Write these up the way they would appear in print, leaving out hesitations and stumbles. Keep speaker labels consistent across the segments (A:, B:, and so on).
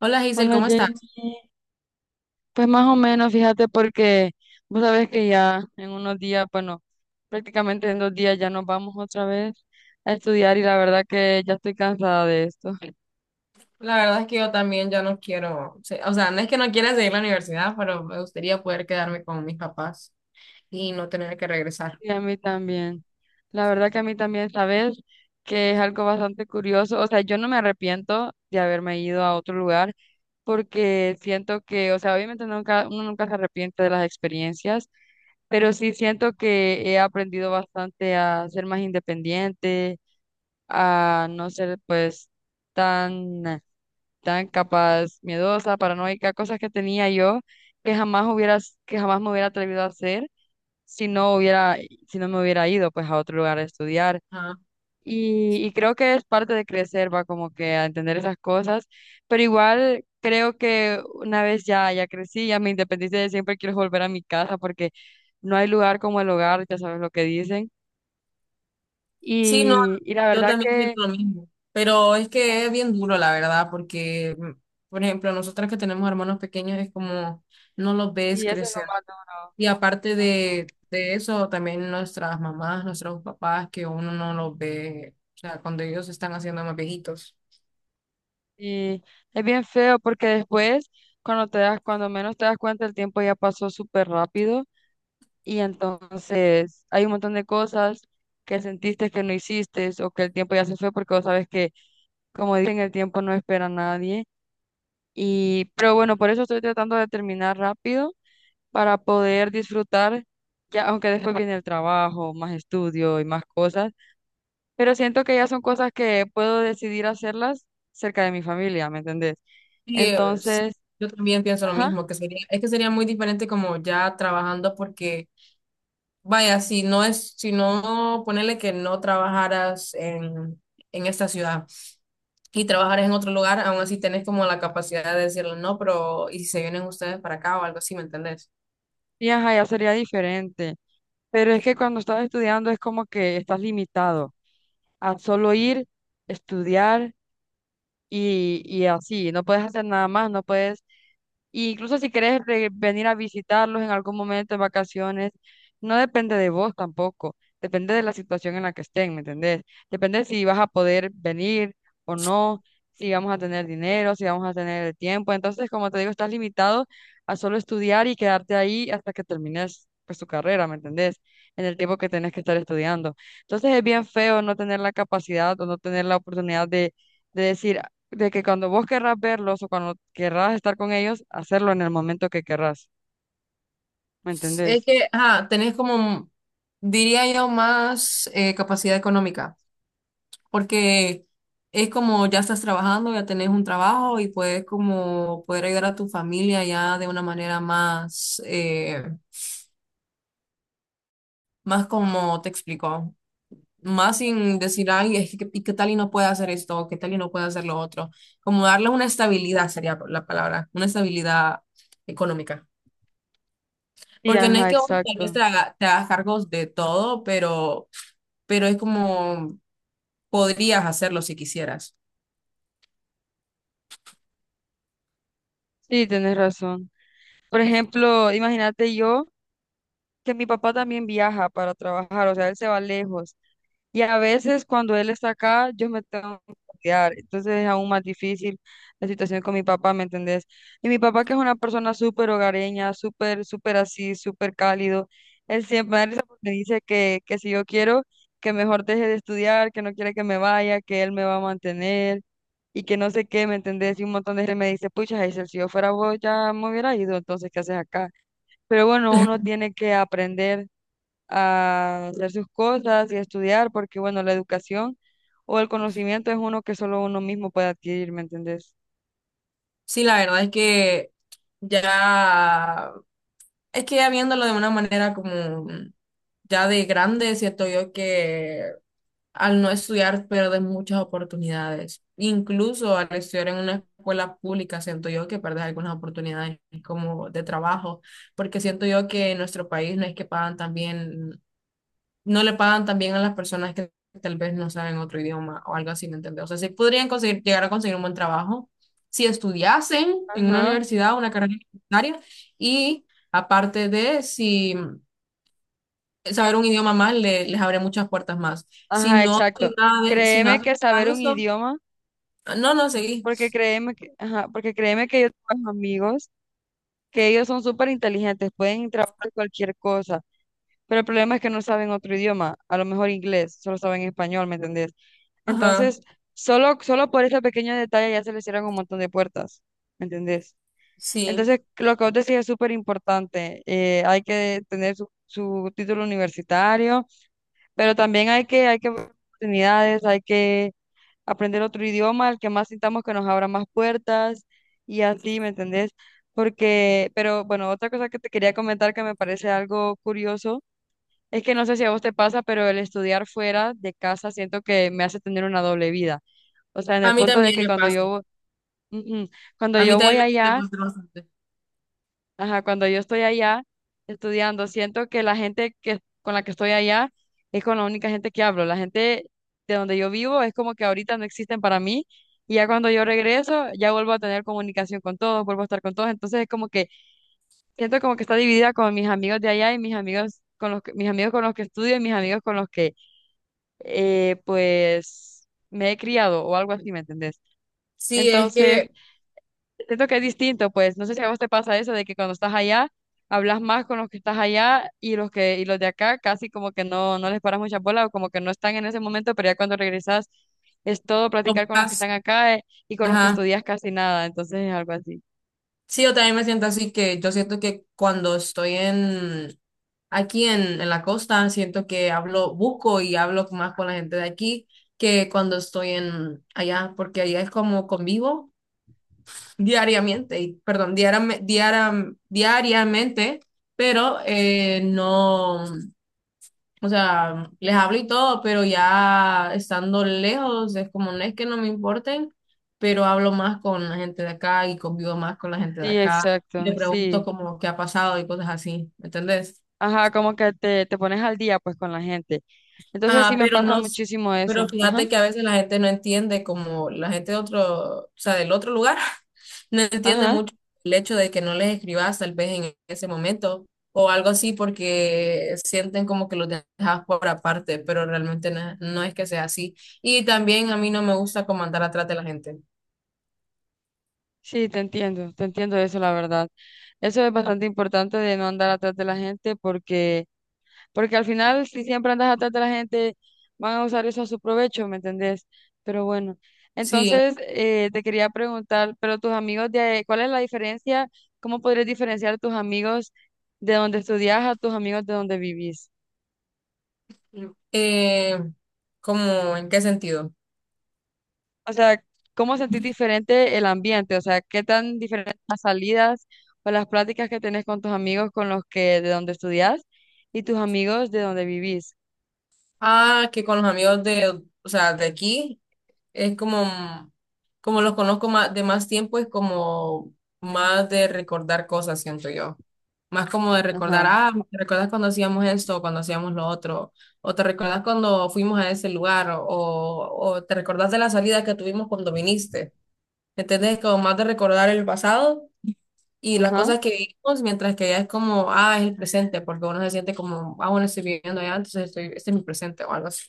A: Hola Giselle,
B: Hola
A: ¿cómo estás?
B: Jamie, pues más o menos, fíjate, porque vos sabés que ya en unos días, bueno, prácticamente en 2 días ya nos vamos otra vez a estudiar y la verdad que ya estoy cansada de esto.
A: La verdad es que yo también ya no quiero, o sea, no es que no quiera seguir la universidad, pero me gustaría poder quedarme con mis papás y no tener que regresar.
B: Y a mí también. La verdad que a mí también, sabes que es algo bastante curioso. O sea, yo no me arrepiento de haberme ido a otro lugar porque siento que, o sea, obviamente nunca, uno nunca se arrepiente de las experiencias, pero sí siento que he aprendido bastante a ser más independiente, a no ser pues tan, tan capaz, miedosa, paranoica, cosas que tenía yo que jamás hubiera, que jamás me hubiera atrevido a hacer si no hubiera, si no me hubiera ido pues a otro lugar a estudiar.
A: Ajá.
B: Y creo que es parte de crecer, va como que a entender esas cosas, pero igual creo que una vez ya crecí, ya me independicé, siempre quiero volver a mi casa porque no hay lugar como el hogar, ya sabes lo que dicen.
A: Sí, no,
B: Y, y la
A: yo
B: verdad
A: también
B: que,
A: siento lo mismo, pero es que es bien duro, la verdad, porque, por ejemplo, nosotras que tenemos hermanos pequeños es como no los ves
B: y eso es lo
A: crecer.
B: más duro.
A: Y aparte de eso, también nuestras mamás, nuestros papás, que uno no los ve, o sea, cuando ellos están haciendo más viejitos.
B: Y es bien feo porque después, cuando menos te das cuenta, el tiempo ya pasó súper rápido y entonces hay un montón de cosas que sentiste que no hiciste o que el tiempo ya se fue porque vos sabes que, como dicen, el tiempo no espera a nadie. Pero bueno, por eso estoy tratando de terminar rápido para poder disfrutar, ya, aunque después viene el trabajo, más estudio y más cosas, pero siento que ya son cosas que puedo decidir hacerlas cerca de mi familia, ¿me entendés?
A: Sí, es-
B: Entonces...
A: yo también pienso lo
B: Ajá.
A: mismo, que sería, es que sería muy diferente como ya trabajando porque, vaya, si no es, si no ponerle que no trabajaras en esta ciudad y trabajaras en otro lugar, aún así tenés como la capacidad de decirle no, pero ¿y si se vienen ustedes para acá o algo así, ¿me entendés?
B: Y ajá, ya sería diferente. Pero es que cuando estás estudiando es como que estás limitado a solo ir, estudiar y así. No puedes hacer nada más, no puedes. Y incluso si quieres re- venir a visitarlos en algún momento de vacaciones, no depende de vos tampoco, depende de la situación en la que estén, ¿me entendés? Depende si vas a poder venir o no, si vamos a tener dinero, si vamos a tener el tiempo. Entonces, como te digo, estás limitado a solo estudiar y quedarte ahí hasta que termines pues tu carrera, ¿me entendés? En el tiempo que tenés que estar estudiando. Entonces es bien feo no tener la capacidad o no tener la oportunidad de decir, de que cuando vos querrás verlos o cuando querrás estar con ellos, hacerlo en el momento que querrás, ¿me
A: Es
B: entendés?
A: que, ajá, tenés como, diría yo, más capacidad económica. Porque es como ya estás trabajando, ya tenés un trabajo y puedes como poder ayudar a tu familia ya de una manera más, más como te explico, más sin decir, ay, es que, ¿y qué tal y no puede hacer esto? O ¿qué tal y no puede hacer lo otro? Como darle una estabilidad sería la palabra, una estabilidad económica.
B: Sí,
A: Porque no es
B: ajá,
A: que vos tal vez
B: exacto.
A: te hagas cargos de todo, pero es como podrías hacerlo si quisieras.
B: Sí, tenés razón. Por ejemplo, imagínate yo que mi papá también viaja para trabajar, o sea, él se va lejos. Y a veces cuando él está acá, yo me tengo que cuidar. Entonces es aún más difícil la situación con mi papá, ¿me entendés? Y mi papá, que es una persona súper hogareña, súper, súper así, súper cálido, él siempre me da risa porque dice que si yo quiero, que mejor deje de estudiar, que no quiere que me vaya, que él me va a mantener y que no sé qué, ¿me entendés? Y un montón de gente me dice, pucha, Hazel, si yo fuera vos ya me hubiera ido, entonces, ¿qué haces acá? Pero bueno, uno tiene que aprender a hacer sus cosas y a estudiar, porque bueno, la educación o el conocimiento es uno que solo uno mismo puede adquirir, ¿me entendés?
A: Sí, la verdad ya, es que ya viéndolo de una manera como ya de grande, siento yo que al no estudiar pierdes muchas oportunidades. Incluso al estudiar en una escuela pública, siento yo que pierdes algunas oportunidades como de trabajo, porque siento yo que en nuestro país no es que pagan también no le pagan también a las personas que tal vez no saben otro idioma o algo así, ¿me entiendes? O sea, sí podrían conseguir, llegar a conseguir un buen trabajo si estudiasen en una
B: Ajá,
A: universidad, una carrera universitaria, y aparte de si saber un idioma más les abre muchas puertas más. Si
B: ajá,
A: no
B: exacto.
A: hacen nada de, si no
B: Créeme
A: hacen
B: que
A: nada
B: saber
A: de
B: un
A: eso,
B: idioma,
A: no, no, seguí.
B: ajá, porque créeme que yo tengo amigos que ellos son súper inteligentes, pueden trabajar cualquier cosa, pero el problema es que no saben otro idioma, a lo mejor inglés, solo saben español, ¿me entendés?
A: Ajá,
B: Entonces, solo por ese pequeño detalle ya se les cierran un montón de puertas, ¿me entendés?
A: sí.
B: Entonces, lo que vos decís es súper importante. Hay que tener su título universitario, pero también hay que ver oportunidades, hay que aprender otro idioma, el que más sintamos que nos abra más puertas y así, ¿me entendés? Pero bueno, otra cosa que te quería comentar que me parece algo curioso es que no sé si a vos te pasa, pero el estudiar fuera de casa siento que me hace tener una doble vida. O sea, en
A: A
B: el
A: mí
B: punto de
A: también
B: que
A: me
B: cuando
A: pasa.
B: yo, ujú, cuando
A: A mí
B: yo voy
A: también me
B: allá,
A: pasa bastante.
B: ajá, cuando yo estoy allá estudiando, siento que la gente con la que estoy allá es con la única gente que hablo. La gente de donde yo vivo es como que ahorita no existen para mí y ya cuando yo regreso ya vuelvo a tener comunicación con todos, vuelvo a estar con todos. Entonces es como que siento como que está dividida con mis amigos de allá y mis amigos con los que estudio y mis amigos con los que pues me he criado o algo así, ¿me entendés?
A: Sí, es
B: Entonces...
A: que,
B: Siento que es distinto, pues. No sé si a vos te pasa eso de que cuando estás allá, hablas más con los que estás allá y y los de acá casi como que no les paras mucha bola o como que no están en ese momento, pero ya cuando regresas es todo
A: como
B: platicar con los que
A: estás,
B: están acá, y con los que
A: ajá.
B: estudias casi nada. Entonces es algo así.
A: Sí, yo también me siento así que yo siento que cuando estoy en aquí en la costa, siento que hablo, busco y hablo más con la gente de aquí que cuando estoy en allá, porque allá es como convivo diariamente, y, perdón, diariamente, pero no. O sea, les hablo y todo, pero ya estando lejos, es como no es que no me importen, pero hablo más con la gente de acá y convivo más con la gente de
B: Sí,
A: acá. Le
B: exacto,
A: pregunto
B: sí.
A: como qué ha pasado y cosas así, ¿me entendés?
B: Ajá, como que te pones al día pues con la gente. Entonces sí
A: Ah,
B: me
A: pero
B: pasa
A: no, s-
B: muchísimo eso.
A: pero
B: Ajá,
A: fíjate que a veces la gente no entiende, como la gente de otro, o sea, del otro lugar, no entiende
B: ajá.
A: mucho el hecho de que no les escribas tal vez en ese momento o algo así porque sienten como que los dejas por aparte, pero realmente no, no es que sea así. Y también a mí no me gusta como andar atrás de la gente.
B: Sí, te entiendo eso, la verdad. Eso es bastante importante de no andar atrás de la gente porque al final, si siempre andas atrás de la gente, van a usar eso a su provecho, ¿me entendés? Pero bueno,
A: Sí,
B: entonces te quería preguntar, pero tus amigos de, ¿cuál es la diferencia? ¿Cómo podrías diferenciar tus amigos de donde estudias a tus amigos de donde vivís?
A: eh, ¿cómo en qué sentido?
B: O sea, ¿cómo sentís diferente el ambiente? O sea, ¿qué tan diferentes las salidas o las pláticas que tenés con tus amigos con los que de donde estudias y tus amigos de donde vivís?
A: Ah, que con los amigos de, o sea, de aquí. Es como, como los conozco más, de más tiempo, es como más de recordar cosas, siento yo. Más como de recordar,
B: Ajá,
A: ah, ¿te recuerdas cuando hacíamos esto, cuando hacíamos lo otro? O te recuerdas cuando fuimos a ese lugar, o te recuerdas de la salida que tuvimos cuando viniste. ¿Entendés? Como más de recordar el pasado y las
B: ajá.
A: cosas que vivimos, mientras que ya es como, ah, es el presente, porque uno se siente como, ah, bueno, estoy viviendo allá, entonces estoy, este es mi presente o algo así.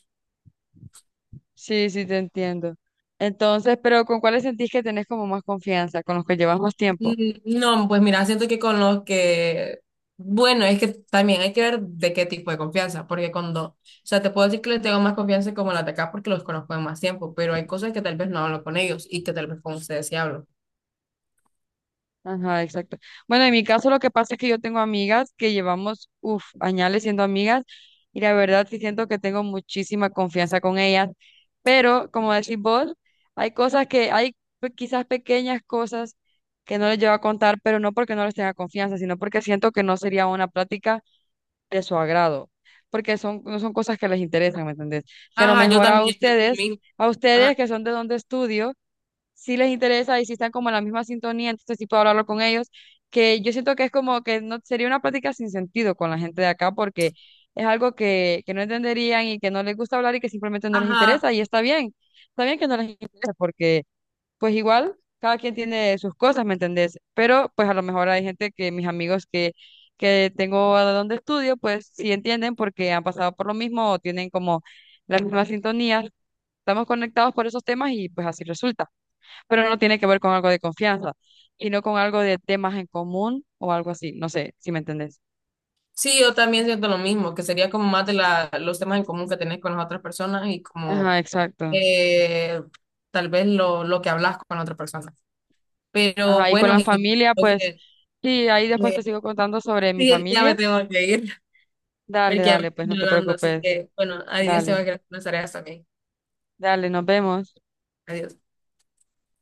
B: Sí, sí, te entiendo. Entonces, pero ¿con cuáles sentís que tenés como más confianza? ¿Con los que llevas más tiempo?
A: No, pues mira, siento que con los que, bueno, es que también hay que ver de qué tipo de confianza, porque cuando, o sea, te puedo decir que les tengo más confianza como la de acá porque los conozco de más tiempo, pero hay cosas que tal vez no hablo con ellos y que tal vez con ustedes sí hablo.
B: Ajá, exacto. Bueno, en mi caso lo que pasa es que yo tengo amigas que llevamos, uff, añales siendo amigas y la verdad sí siento que tengo muchísima confianza con ellas, pero como decís vos, hay cosas que, quizás pequeñas cosas que no les llevo a contar, pero no porque no les tenga confianza, sino porque siento que no sería una plática de su agrado, porque no son cosas que les interesan, ¿me entendés? Que a lo
A: Ajá, yo
B: mejor
A: también siento lo mismo.
B: a ustedes
A: Ajá,
B: que son de donde estudio, sí les interesa y sí están como en la misma sintonía, entonces sí puedo hablarlo con ellos, que yo siento que es como que no sería una plática sin sentido con la gente de acá, porque es algo que no entenderían y que no les gusta hablar y que simplemente no les
A: ajá.
B: interesa, y está bien que no les interese, porque pues igual, cada quien tiene sus cosas, ¿me entendés? Pero pues a lo mejor hay gente que mis amigos que tengo a donde estudio, pues sí entienden porque han pasado por lo mismo o tienen como las mismas sintonías. Estamos conectados por esos temas y pues así resulta. Pero no tiene que ver con algo de confianza, sino con algo de temas en común o algo así. No sé si me entendés.
A: Sí, yo también siento lo mismo, que sería como más de la, los temas en común que tenés con las otras personas y como
B: Ajá, exacto.
A: eh, tal vez lo que hablas con otras personas. Pero
B: Ajá, y con
A: bueno,
B: la
A: es
B: familia, pues sí, ahí después te
A: que-
B: sigo contando sobre mi
A: Sí, ya me
B: familia.
A: tengo que ir. Porque
B: Dale,
A: ya me
B: dale, pues
A: estoy
B: no te
A: hablando, así
B: preocupes.
A: que bueno, adiós, tengo
B: Dale.
A: que hacer unas tareas también.
B: Dale, nos vemos.
A: Adiós.